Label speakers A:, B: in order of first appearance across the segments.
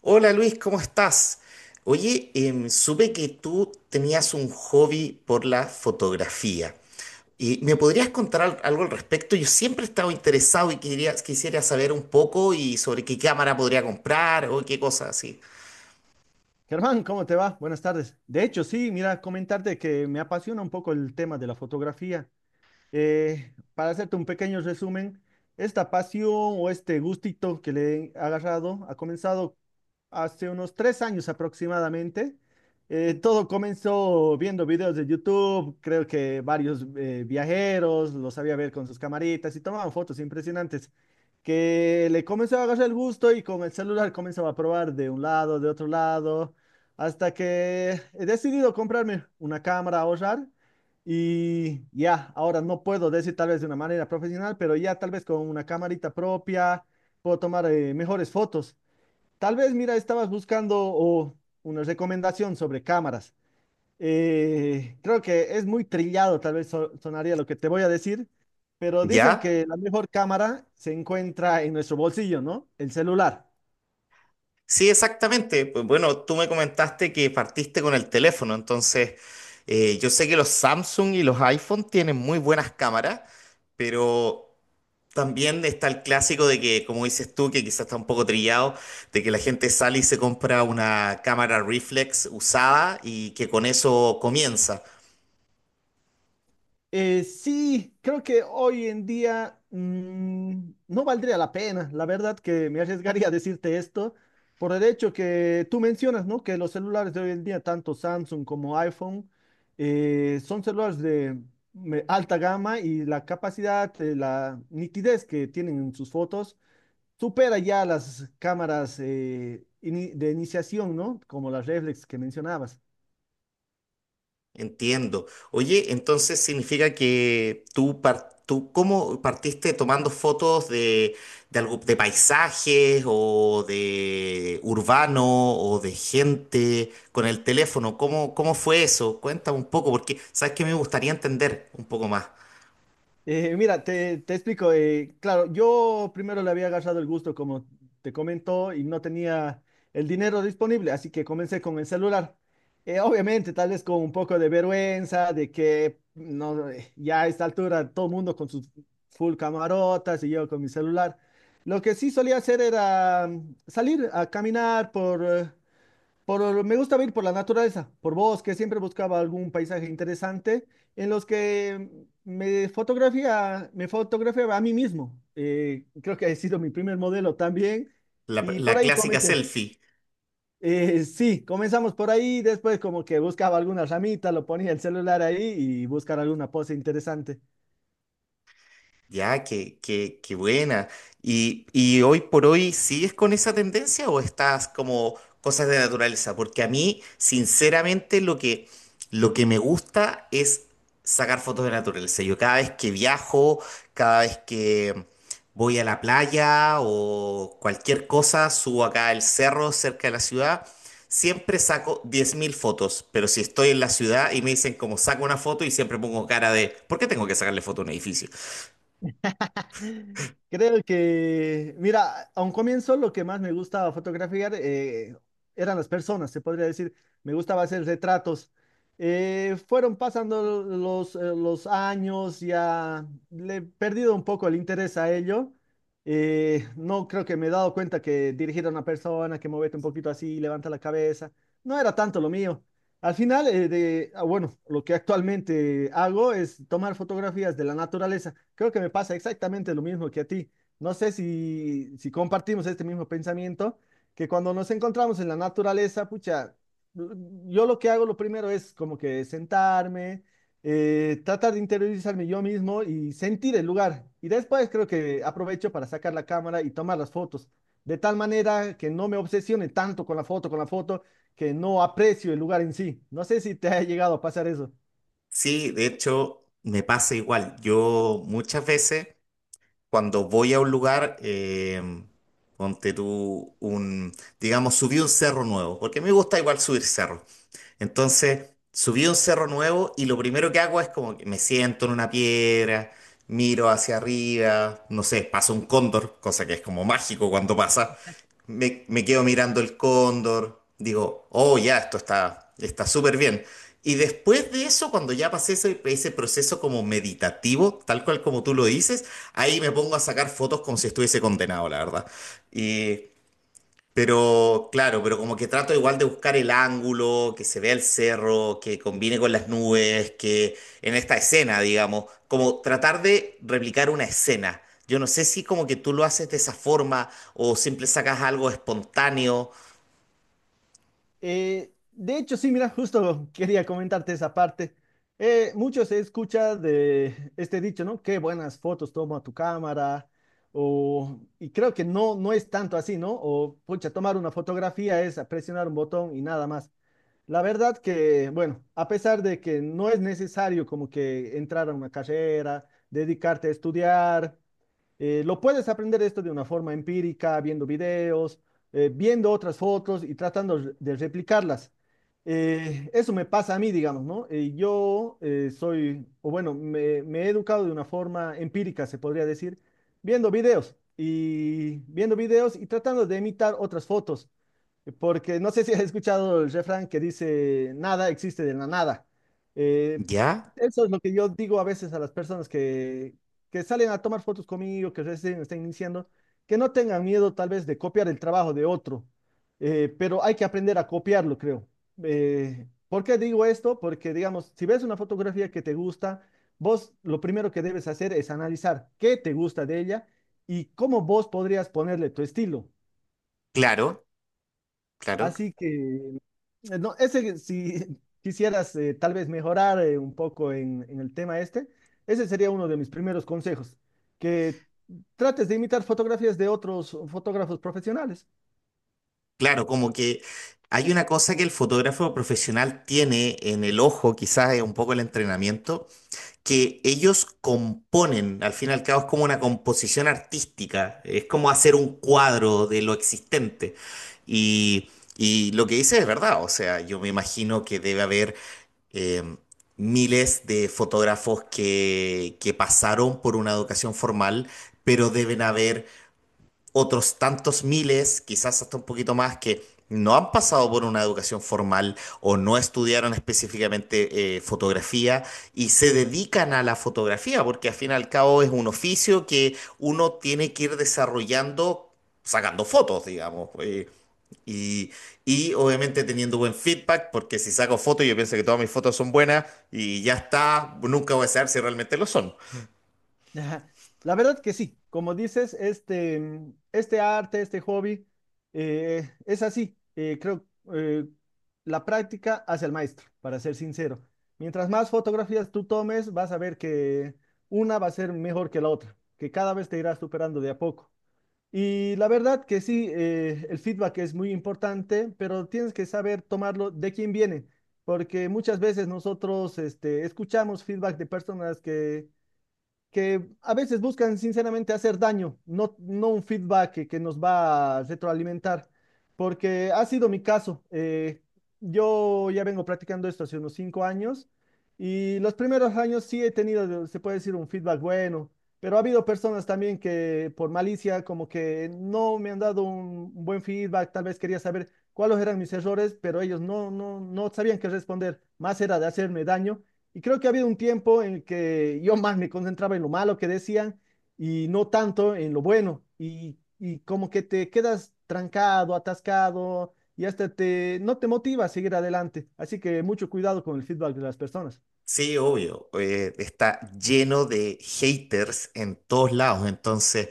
A: Hola Luis, ¿cómo estás? Oye, supe que tú tenías un hobby por la fotografía. ¿Y me podrías contar algo al respecto? Yo siempre he estado interesado y quisiera saber un poco y sobre qué cámara podría comprar o qué cosas así.
B: Germán, ¿cómo te va? Buenas tardes. De hecho, sí, mira, comentarte que me apasiona un poco el tema de la fotografía. Para hacerte un pequeño resumen, esta pasión o este gustito que le he agarrado ha comenzado hace unos 3 años aproximadamente. Todo comenzó viendo videos de YouTube, creo que varios viajeros los sabía ver con sus camaritas y tomaban fotos impresionantes, que le comenzó a agarrar el gusto y con el celular comenzaba a probar de un lado, de otro lado, hasta que he decidido comprarme una cámara a ahorrar. Y ya, ahora no puedo decir tal vez de una manera profesional, pero ya tal vez con una camarita propia puedo tomar mejores fotos. Tal vez, mira, estabas buscando o, una recomendación sobre cámaras. Creo que es muy trillado, tal vez sonaría lo que te voy a decir, pero dicen
A: ¿Ya?
B: que la mejor cámara se encuentra en nuestro bolsillo, ¿no? El celular.
A: Sí, exactamente. Pues bueno, tú me comentaste que partiste con el teléfono, entonces yo sé que los Samsung y los iPhone tienen muy buenas cámaras, pero también está el clásico de que, como dices tú, que quizás está un poco trillado, de que la gente sale y se compra una cámara reflex usada y que con eso comienza.
B: Sí, creo que hoy en día no valdría la pena. La verdad que me arriesgaría a decirte esto por el hecho que tú mencionas, ¿no? Que los celulares de hoy en día, tanto Samsung como iPhone, son celulares de alta gama y la capacidad, la nitidez que tienen en sus fotos supera ya las cámaras de iniciación, ¿no? Como las reflex que mencionabas.
A: Entiendo. Oye, entonces significa que tú, tú, ¿cómo partiste tomando fotos algo, de paisajes o de urbano o de gente con el teléfono? Cómo fue eso? Cuéntame un poco, porque sabes que me gustaría entender un poco más
B: Mira, te explico. Claro, yo primero le había agarrado el gusto, como te comentó, y no tenía el dinero disponible, así que comencé con el celular. Obviamente, tal vez con un poco de vergüenza, de que no, ya a esta altura todo el mundo con sus full camarotas y yo con mi celular. Lo que sí solía hacer era salir a caminar por, me gusta ir por la naturaleza, por bosque, siempre buscaba algún paisaje interesante en los que me fotografiaba a mí mismo. Creo que ha sido mi primer modelo también
A: la
B: y por ahí
A: clásica
B: comencé.
A: selfie.
B: Sí, comenzamos por ahí, después como que buscaba alguna ramita, lo ponía el celular ahí y buscar alguna pose interesante.
A: Ya, qué buena. Y hoy por hoy sigues con esa tendencia o estás como cosas de naturaleza? Porque a mí, sinceramente, lo que me gusta es sacar fotos de naturaleza. Yo cada vez que viajo, cada vez que voy a la playa o cualquier cosa, subo acá al cerro cerca de la ciudad, siempre saco 10.000 fotos. Pero si estoy en la ciudad y me dicen como saco una foto y siempre pongo cara de, ¿por qué tengo que sacarle foto a un edificio?
B: Creo que, mira, a un comienzo lo que más me gustaba fotografiar eran las personas, se podría decir. Me gustaba hacer retratos. Fueron pasando los años, ya le he perdido un poco el interés a ello. No creo que me he dado cuenta que dirigir a una persona, que movete un poquito así, levanta la cabeza, no era tanto lo mío. Al final, bueno, lo que actualmente hago es tomar fotografías de la naturaleza. Creo que me pasa exactamente lo mismo que a ti. No sé si compartimos este mismo pensamiento, que cuando nos encontramos en la naturaleza, pucha, yo lo que hago lo primero es como que sentarme, tratar de interiorizarme yo mismo y sentir el lugar. Y después creo que aprovecho para sacar la cámara y tomar las fotos, de tal manera que no me obsesione tanto con la foto, que no aprecio el lugar en sí. No sé si te ha llegado a pasar eso.
A: Sí, de hecho, me pasa igual. Yo muchas veces cuando voy a un lugar, ponte tú un, digamos, subí un cerro nuevo, porque me gusta igual subir cerros. Entonces, subí un cerro nuevo y lo primero que hago es como que me siento en una piedra, miro hacia arriba, no sé, pasa un cóndor, cosa que es como mágico cuando pasa. Me quedo mirando el cóndor, digo, oh, ya, esto está súper bien. Y después de eso, cuando ya pasé ese proceso como meditativo, tal cual como tú lo dices, ahí me pongo a sacar fotos como si estuviese condenado, la verdad. Y pero claro, pero como que trato igual de buscar el ángulo, que se vea el cerro, que combine con las nubes, que en esta escena, digamos, como tratar de replicar una escena. Yo no sé si como que tú lo haces de esa forma o siempre sacas algo espontáneo.
B: De hecho, sí, mira, justo quería comentarte esa parte. Mucho se escucha de este dicho, ¿no? Qué buenas fotos toma tu cámara. Y creo que no, no es tanto así, ¿no? O, pucha, tomar una fotografía es presionar un botón y nada más. La verdad que, bueno, a pesar de que no es necesario como que entrar a una carrera, dedicarte a estudiar. Lo puedes aprender esto de una forma empírica, viendo videos, viendo otras fotos y tratando de replicarlas. Eso me pasa a mí, digamos, ¿no? Yo soy, o Bueno, me he educado de una forma empírica, se podría decir, viendo videos y tratando de imitar otras fotos, porque no sé si has escuchado el refrán que dice, nada existe de la nada. Eh,
A: ¿Ya?
B: Eso es lo que yo digo a veces a las personas que salen a tomar fotos conmigo, que recién están iniciando, que no tengan miedo tal vez de copiar el trabajo de otro, pero hay que aprender a copiarlo, creo. ¿Por qué digo esto? Porque, digamos, si ves una fotografía que te gusta, vos lo primero que debes hacer es analizar qué te gusta de ella y cómo vos podrías ponerle tu estilo.
A: Claro, claro,
B: Así que si quisieras tal vez mejorar un poco en el tema este, ese sería uno de mis primeros consejos, que trates de imitar fotografías de otros fotógrafos profesionales.
A: claro, como que hay una cosa que el fotógrafo profesional tiene en el ojo, quizás es un poco el entrenamiento que ellos componen, al fin y al cabo es como una composición artística, es como hacer un cuadro de lo existente. Y, y lo que dice es verdad, o sea, yo me imagino que debe haber eh, miles de fotógrafos que pasaron por una educación formal, pero deben haber otros tantos miles, quizás hasta un poquito más, que no han pasado por una educación formal o no estudiaron específicamente fotografía y se dedican a la fotografía, porque al fin y al cabo es un oficio que uno tiene que ir desarrollando sacando fotos, digamos. Y, y obviamente teniendo buen feedback, porque si saco fotos, yo pienso que todas mis fotos son buenas y ya está, nunca voy a saber si realmente lo son.
B: Ajá. La verdad que sí, como dices, este arte, este hobby, es así. Creo eh, la práctica hace al maestro, para ser sincero. Mientras más fotografías tú tomes, vas a ver que una va a ser mejor que la otra, que cada vez te irás superando de a poco. Y la verdad que sí, el feedback es muy importante, pero tienes que saber tomarlo de quién viene, porque muchas veces nosotros escuchamos feedback de personas que a veces buscan sinceramente hacer daño, no, no un feedback que nos va a retroalimentar, porque ha sido mi caso. Yo ya vengo practicando esto hace unos 5 años y los primeros años sí he tenido, se puede decir, un feedback bueno, pero ha habido personas también que por malicia como que no me han dado un buen feedback, tal vez quería saber cuáles eran mis errores, pero ellos no, no, no sabían qué responder, más era de hacerme daño y creo que ha habido un tiempo en el que yo más me concentraba en lo malo que decían y no tanto en lo bueno. Y como que te quedas trancado, atascado y hasta te, no te motiva a seguir adelante. Así que mucho cuidado con el feedback de las personas.
A: Sí, obvio. Está lleno de haters en todos lados. Entonces,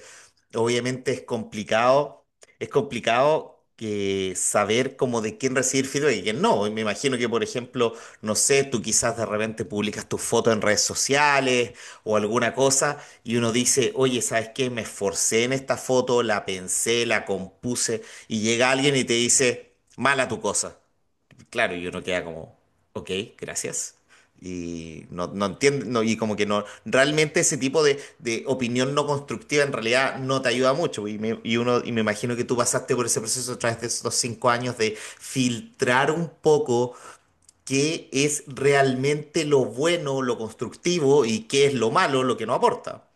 A: obviamente es complicado que saber como de quién recibir feedback y quién no. Y me imagino que, por ejemplo, no sé, tú quizás de repente publicas tu foto en redes sociales o alguna cosa y uno dice, oye, ¿sabes qué? Me esforcé en esta foto, la pensé, la compuse y llega alguien y te dice, mala tu cosa. Claro, y uno queda como, ok, gracias. Y no, no entiende, no, y como que no, realmente ese tipo de opinión no constructiva en realidad no te ayuda mucho. Y uno, y me imagino que tú pasaste por ese proceso a través de esos 5 años de filtrar un poco qué es realmente lo bueno, lo constructivo y qué es lo malo, lo que no aporta.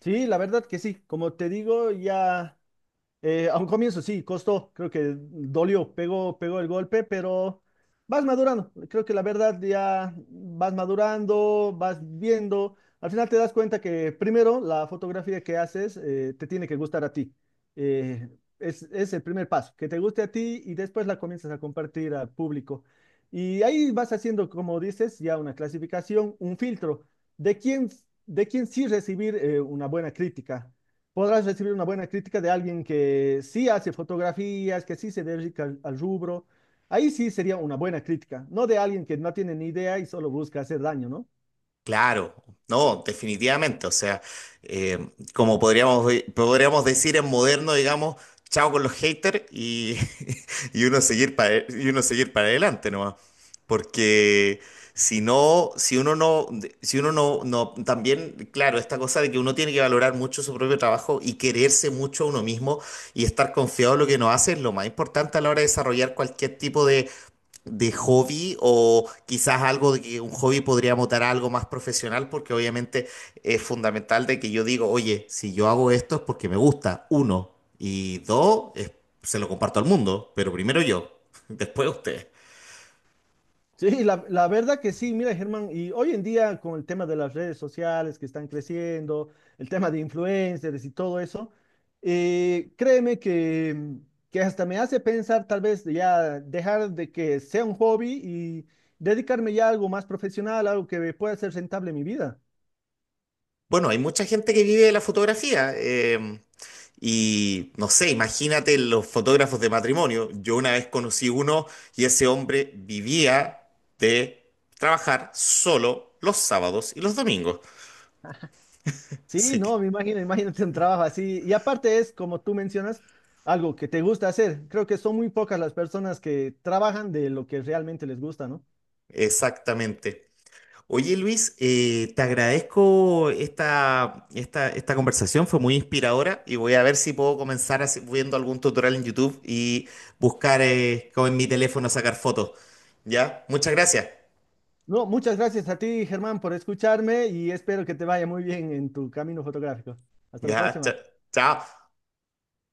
B: Sí, la verdad que sí. Como te digo, ya a un comienzo sí, costó, creo que dolió, pegó el golpe, pero vas madurando. Creo que la verdad ya vas madurando, vas viendo. Al final te das cuenta que primero la fotografía que haces te tiene que gustar a ti. Eh, es el primer paso, que te guste a ti y después la comienzas a compartir al público. Y ahí vas haciendo, como dices, ya una clasificación, un filtro de quién, de quién sí recibir una buena crítica. Podrás recibir una buena crítica de alguien que sí hace fotografías, que sí se dedica al rubro. Ahí sí sería una buena crítica, no de alguien que no tiene ni idea y solo busca hacer daño, ¿no?
A: Claro, no, definitivamente. O sea, eh, como podríamos, podríamos decir en moderno, digamos, chao con los haters y, y y uno seguir para adelante nomás. Porque si no, si uno no, no, también, claro, esta cosa de que uno tiene que valorar mucho su propio trabajo y quererse mucho a uno mismo y estar confiado en lo que uno hace es lo más importante a la hora de desarrollar cualquier tipo de hobby o quizás algo de que un hobby podría mutar a algo más profesional, porque obviamente es fundamental de que yo digo, oye, si yo hago esto es porque me gusta, uno, y dos, se lo comparto al mundo, pero primero yo, después ustedes.
B: Sí, la verdad que sí, mira Germán, y hoy en día con el tema de las redes sociales que están creciendo, el tema de influencers y todo eso, eh, créeme que, que hasta me hace pensar tal vez de ya dejar de que sea un hobby y dedicarme ya a algo más profesional, algo que pueda ser rentable en mi vida.
A: Bueno, hay mucha gente que vive de la fotografía, y no sé, imagínate los fotógrafos de matrimonio. Yo una vez conocí uno y ese hombre vivía de trabajar solo los sábados y los domingos.
B: Sí,
A: Así que
B: no, me imagino, imagínate un trabajo así. Y aparte es, como tú mencionas, algo que te gusta hacer. Creo que son muy pocas las personas que trabajan de lo que realmente les gusta, ¿no?
A: exactamente. Oye Luis, te agradezco esta conversación, fue muy inspiradora y voy a ver si puedo comenzar viendo algún tutorial en YouTube y buscar con mi teléfono sacar fotos. ¿Ya? Muchas gracias.
B: No, muchas gracias a ti, Germán, por escucharme y espero que te vaya muy bien en tu camino fotográfico. Hasta la
A: Ya,
B: próxima.
A: chao.